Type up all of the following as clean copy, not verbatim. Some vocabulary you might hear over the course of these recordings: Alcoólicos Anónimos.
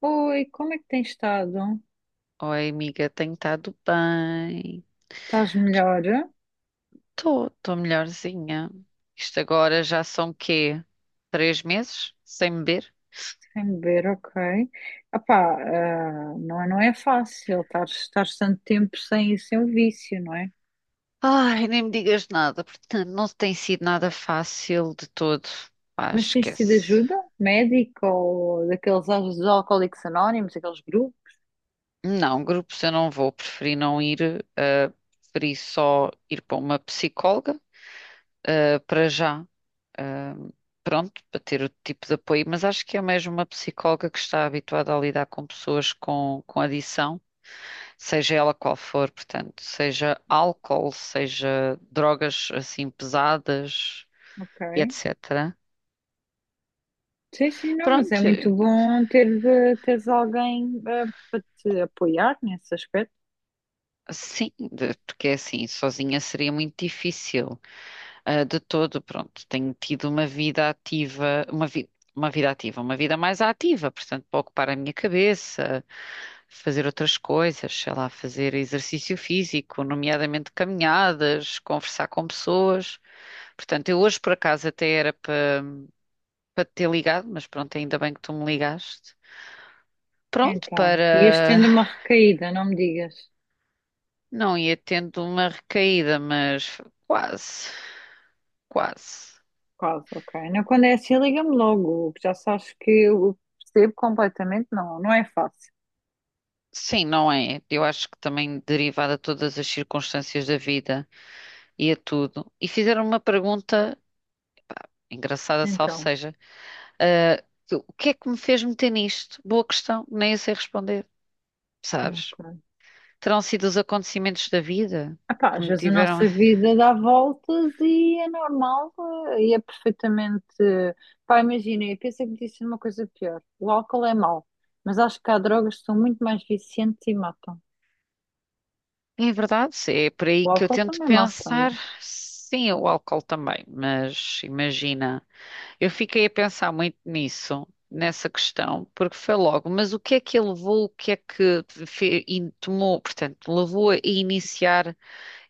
Oi, como é que tens estado? Oi, amiga, tenho estado bem. Estás melhor? Estou melhorzinha. Isto agora já são quê? Três meses sem beber? Sem beber, ok. Apá, não é fácil estar tanto tempo sem o vício, não é? Ai, nem me digas nada, portanto, não tem sido nada fácil de todo. Pá, Mas tens tido esquece. ajuda médica ou dos Alcoólicos Anónimos, aqueles grupos? Não, grupos eu não vou, preferi não ir, ah, preferi só ir para uma psicóloga, ah, para já. Ah, pronto, para ter o tipo de apoio, mas acho que é mesmo uma psicóloga que está habituada a lidar com pessoas com adição. Seja ela qual for, portanto, seja álcool, seja drogas assim pesadas e Ok. etc. Sim, sim, não, mas é Pronto, muito bom teres alguém para te apoiar nesse aspecto. sim, porque é assim, sozinha seria muito difícil. Ah, de todo, pronto, tenho tido uma vida ativa, uma vida. Uma vida ativa, uma vida mais ativa, portanto, para ocupar a minha cabeça, fazer outras coisas, sei lá, fazer exercício físico, nomeadamente caminhadas, conversar com pessoas. Portanto, eu hoje por acaso até era para te ter ligado, mas pronto, ainda bem que tu me ligaste. Pronto, Então, ias para tendo uma recaída, não me digas. não ia tendo uma recaída, mas quase, quase. Quase, ok. Não, quando é assim, liga-me logo, que já sabes que eu percebo completamente, não, não é fácil. Sim, não é? Eu acho que também derivada de todas as circunstâncias da vida e a tudo. E fizeram uma pergunta, engraçada, salvo Então, seja, ah, o que é que me fez meter nisto? Boa questão, nem eu sei responder, sabes? ok. Terão sido os acontecimentos da vida Epá, que às me vezes a tiveram. nossa vida dá voltas e é normal e é perfeitamente. Pá, imagina, eu pensei que me disse uma coisa pior. O álcool é mau, mas acho que há drogas que são muito mais viciantes e matam. É verdade, é por O aí que eu álcool tento também mata, pensar. mas. Sim, o álcool também, mas imagina, eu fiquei a pensar muito nisso, nessa questão, porque foi logo, mas o que é que ele levou, o que é que tomou, portanto, levou a iniciar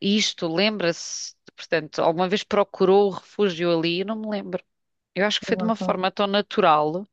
isto, lembra-se, portanto, alguma vez procurou o refúgio ali, eu não me lembro. Eu acho que foi de uma forma tão natural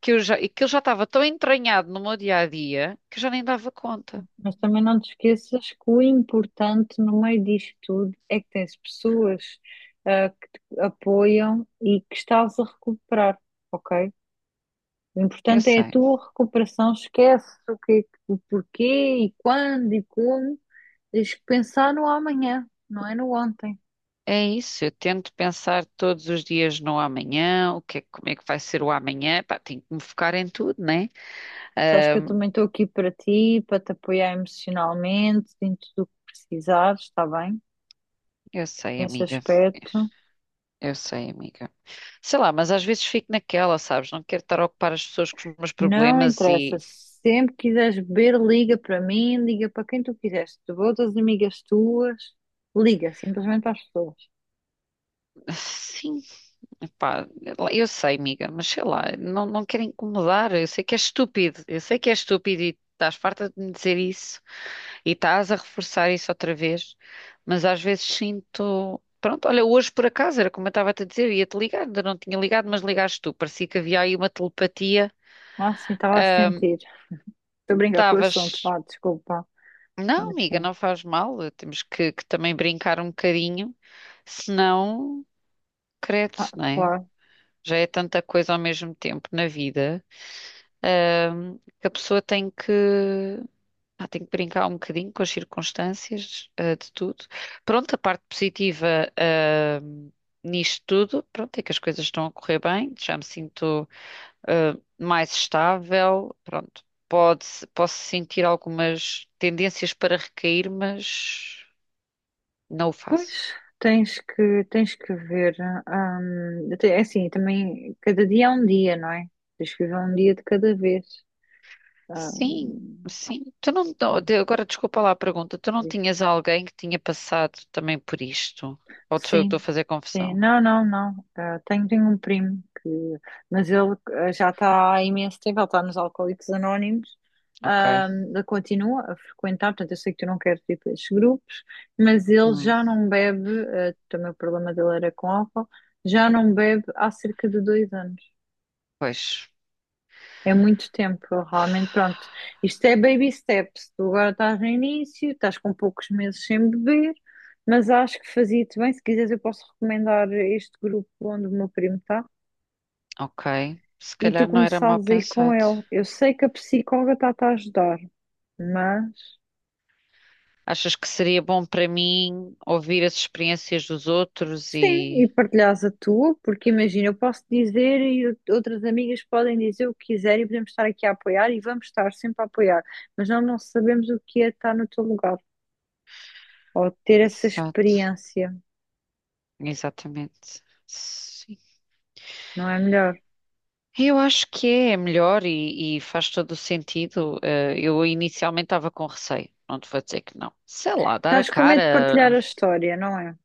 que eu já, e que ele já estava tão entranhado no meu dia a dia que eu já nem dava conta. Mas também não te esqueças que o importante no meio disto tudo é que tens pessoas que te apoiam e que estás a recuperar, ok? O Eu importante é a sei. tua recuperação, esquece o que, o porquê e quando e como. Tens que pensar no amanhã, não é no ontem. É isso, eu tento pensar todos os dias no amanhã, o que é, como é que vai ser o amanhã, pá, tenho que me focar em tudo, né? Sabes que eu também estou aqui para ti, para te apoiar emocionalmente, em tudo o que precisares, está bem? Eu sei, Nesse amiga, aspecto. eu sei, amiga. Sei lá, mas às vezes fico naquela, sabes? Não quero estar a ocupar as pessoas com os meus Não problemas e. interessa. Se Sempre quiseres beber, liga para mim, liga para quem tu quiseres. Tu outras amigas tuas, liga simplesmente para as pessoas. Sim, pá, eu sei, amiga, mas sei lá, não quero incomodar, eu sei que é estúpido, eu sei que é estúpido e estás farta de me dizer isso. E estás a reforçar isso outra vez, mas às vezes sinto. Pronto, olha, hoje por acaso, era como eu estava a te dizer, ia-te ligar, ainda não tinha ligado, mas ligaste tu. Parecia que havia aí uma telepatia. Ah, sim, estava a sentir. Estou a brincar com o assunto, Estavas. vá, desculpa. Não, amiga, Assim. não faz mal, temos que também brincar um bocadinho, senão, credo, Ah, não é? claro. Já é tanta coisa ao mesmo tempo na vida, que a pessoa tem que. Pá, tenho que brincar um bocadinho com as circunstâncias, eh, de tudo. Pronto, a parte positiva, eh, nisto tudo, pronto, é que as coisas estão a correr bem, já me sinto, eh, mais estável, pronto. Pode, posso sentir algumas tendências para recair, mas não o Pois, faço. tens que ver. Te- é assim, também, cada dia é um dia, não é? Tens que viver um dia de cada vez. Ah, Sim, sim. Tu não, Hum, agora desculpa lá a pergunta, tu não isso. tinhas alguém que tinha passado também por isto? Ou sou eu que estou a sim, fazer Sim, confusão? não, não, não. Ah, tenho um primo que, mas ele ah, já está há imenso tempo, ele está nos Alcoólicos Anónimos, Ok. ah, ele continua a frequentar, portanto, eu sei que tu não queres ir para esses grupos, mas ele Hum, já não bebe, ah, também o problema dele era com álcool, já não bebe há cerca de 2 anos. pois. É muito tempo, realmente, pronto. Isto é baby steps. Tu agora estás no início, estás com poucos meses sem beber, mas acho que fazia-te bem. Se quiseres, eu posso recomendar este grupo onde o meu primo está Ok. Se e tu calhar não era mal começares a ir com pensado. ele. Eu sei que a psicóloga está-te a ajudar, mas Achas que seria bom para mim ouvir as experiências dos outros sim, e e. partilhas a tua, porque imagina, eu posso dizer e outras amigas podem dizer o que quiserem e podemos estar aqui a apoiar e vamos estar sempre a apoiar, mas nós não sabemos o que é estar no teu lugar ou ter essa Exato. experiência, Exatamente. Sim. não é melhor? Eu acho que é melhor e faz todo o sentido. Eh, eu inicialmente estava com receio. Não te vou dizer que não. Sei lá, dar a Estás com medo de partilhar cara. a história, não é?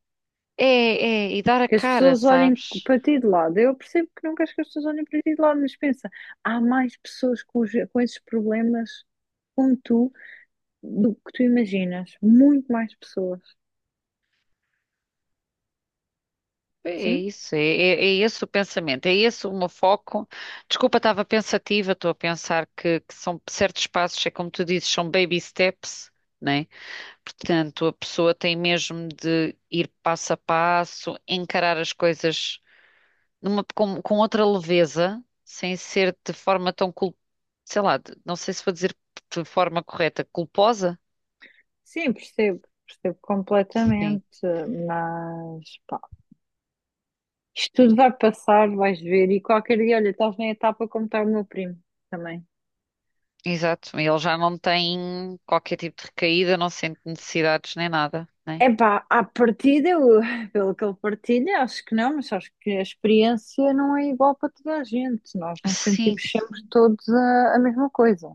É, é, e dar a Que as cara, pessoas olhem sabes? para ti de lado. Eu percebo que não queres que as pessoas olhem para ti de lado, mas pensa, há mais pessoas com esses problemas como tu do que tu imaginas. Muito mais pessoas. É Sim? isso, é esse o pensamento, é esse o meu foco. Desculpa, estava pensativa, estou a pensar que são certos passos, é como tu dizes, são baby steps, né? Portanto, a pessoa tem mesmo de ir passo a passo, encarar as coisas com outra leveza, sem ser de forma tão, sei lá, não sei se vou dizer de forma correta, culposa? Sim, percebo. Percebo Sim, completamente. Mas, pá, isto tudo vai passar, vais ver. E qualquer dia, olha, estás na etapa como está o meu primo também. exato. Ele já não tem qualquer tipo de recaída, não sente necessidades nem nada, né? Epá, à partida, eu, pelo que ele partilha, acho que não, mas acho que a experiência não é igual para toda a gente. Nós não Sim, sentimos sempre todos a mesma coisa.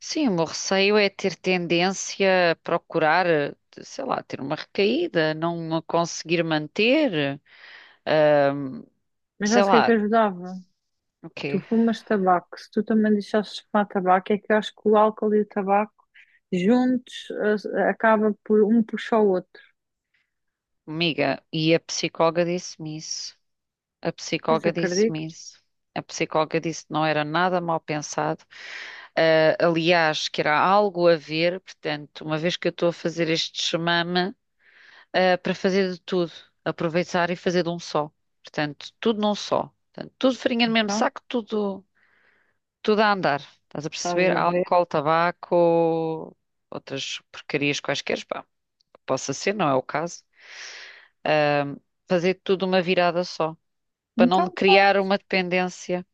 sim, o meu receio é ter tendência a procurar, eh, sei lá, ter uma recaída, não a conseguir manter, Mas sei sabes o que é que lá, ajudava? o Tu quê? fumas tabaco, se tu também deixasses de fumar tabaco, é que eu acho que o álcool e o tabaco juntos acaba por um puxar o outro. Amiga, e a psicóloga disse-me isso. A Pois psicóloga disse-me acredito, isso. A psicóloga disse que não era nada mal pensado. Ah, aliás, que era algo a ver, portanto, uma vez que eu estou a fazer este chamame, ah, para fazer de tudo, aproveitar e fazer de um só. Portanto, tudo num só. Portanto, tudo farinha no mesmo então, saco, tudo. Tudo a andar. Estás a estás a perceber? ver? Álcool, tabaco, outras porcarias quaisquer, pá, possa ser, não é o caso. Fazer tudo uma virada só, para não Então criar pronto. uma dependência.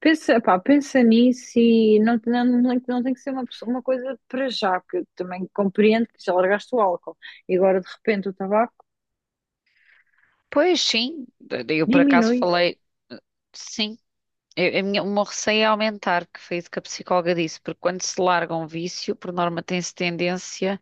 Pensa, pá, pensa nisso e não, não, não, não tem que ser uma coisa para já, porque eu também compreendo que já largaste o álcool e agora de repente o tabaco Pois sim, eu por acaso diminui, falei, sim. O meu receio é aumentar, que foi isso que a psicóloga disse, porque quando se larga um vício, por norma tem-se tendência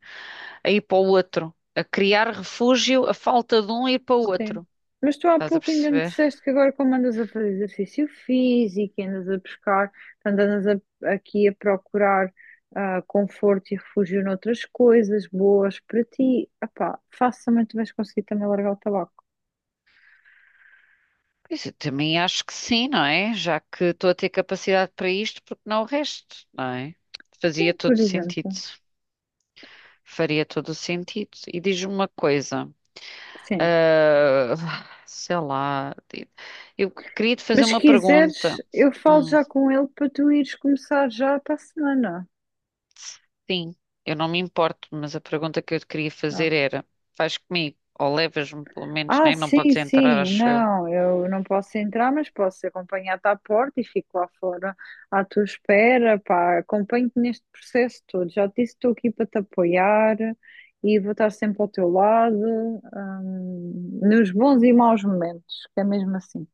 a ir para o outro, a criar refúgio, a falta de um e ir para o sim. outro. Mas tu há Estás a pouco ainda me perceber? disseste que agora como andas a fazer exercício físico, e andas a buscar, portanto, andas aqui a procurar ah, conforto e refúgio noutras coisas boas para ti, ah facilmente vais conseguir também largar o tabaco. Pois eu também acho que sim, não é? Já que estou a ter capacidade para isto, porque não o resto, não é? Fazia Sim, por todo exemplo. sentido. Faria todo o sentido. E diz-me uma coisa, Sim. ah, sei lá, eu queria te fazer Mas se uma pergunta. quiseres, eu falo Hum, já com ele para tu ires começar já para a semana. sim, eu não me importo, mas a pergunta que eu te queria Ah, fazer era: vais comigo ou levas-me pelo menos, Ah, nem. Não sim, podes entrar, sim, acho eu. não, eu não posso entrar, mas posso acompanhar-te à porta e fico lá fora à tua espera, pá, acompanho-te neste processo todo. Já te disse, estou aqui para te apoiar e vou estar sempre ao teu lado, nos bons e maus momentos, que é mesmo assim.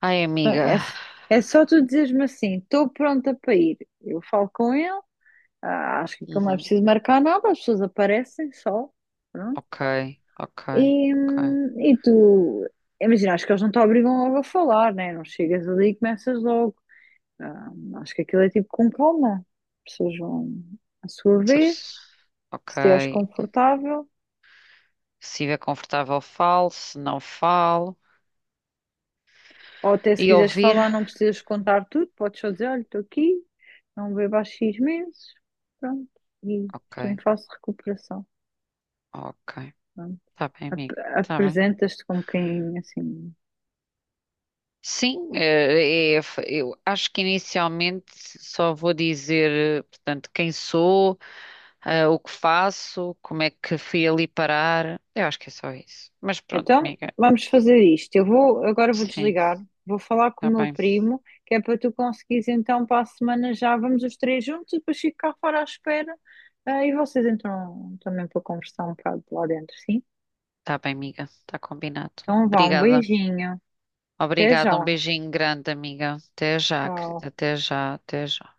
Ai, É, amiga. é só tu dizeres-me assim, estou pronta para ir. Eu falo com ele. Ah, acho que aquilo não é Uhum. preciso marcar nada, as pessoas aparecem só. Pronto. Ok, ok, E, ok. hum, e tu, imagina, acho que eles não te obrigam logo a falar, né? Não chegas ali e começas logo. Ah, acho que aquilo é tipo com calma. As pessoas vão à sua Se a vez, pesso- se Ok. te és confortável, Se estiver confortável, falo. Se não, falo. ou até se E quiseres ouvir? falar, não precisas contar tudo, podes só dizer: olha, estou aqui, não bebo há X meses, pronto, e Ok, estou em fase de recuperação. ok. Pronto. Tá bem, Ap- amiga. Tá bem. Apresentas-te como quem assim. Sim, eu acho que inicialmente só vou dizer, eh, portanto, quem sou, eh, o que faço, como é que fui ali parar. Eu acho que é só isso. Mas pronto, Então, amiga. vamos fazer isto. Eu vou, agora vou Sim, desligar, vou falar com tá o meu bem. primo, que é para tu conseguires então para a semana já vamos os três juntos, e depois fico cá fora à espera. Ah, e vocês entram também para conversar um bocado lá dentro, sim? Tá bem, amiga. Tá combinado. Então vá, um Obrigada. beijinho. Até já. Obrigada. Um beijinho grande, amiga. Até já, querida. Tchau. Até já, até já.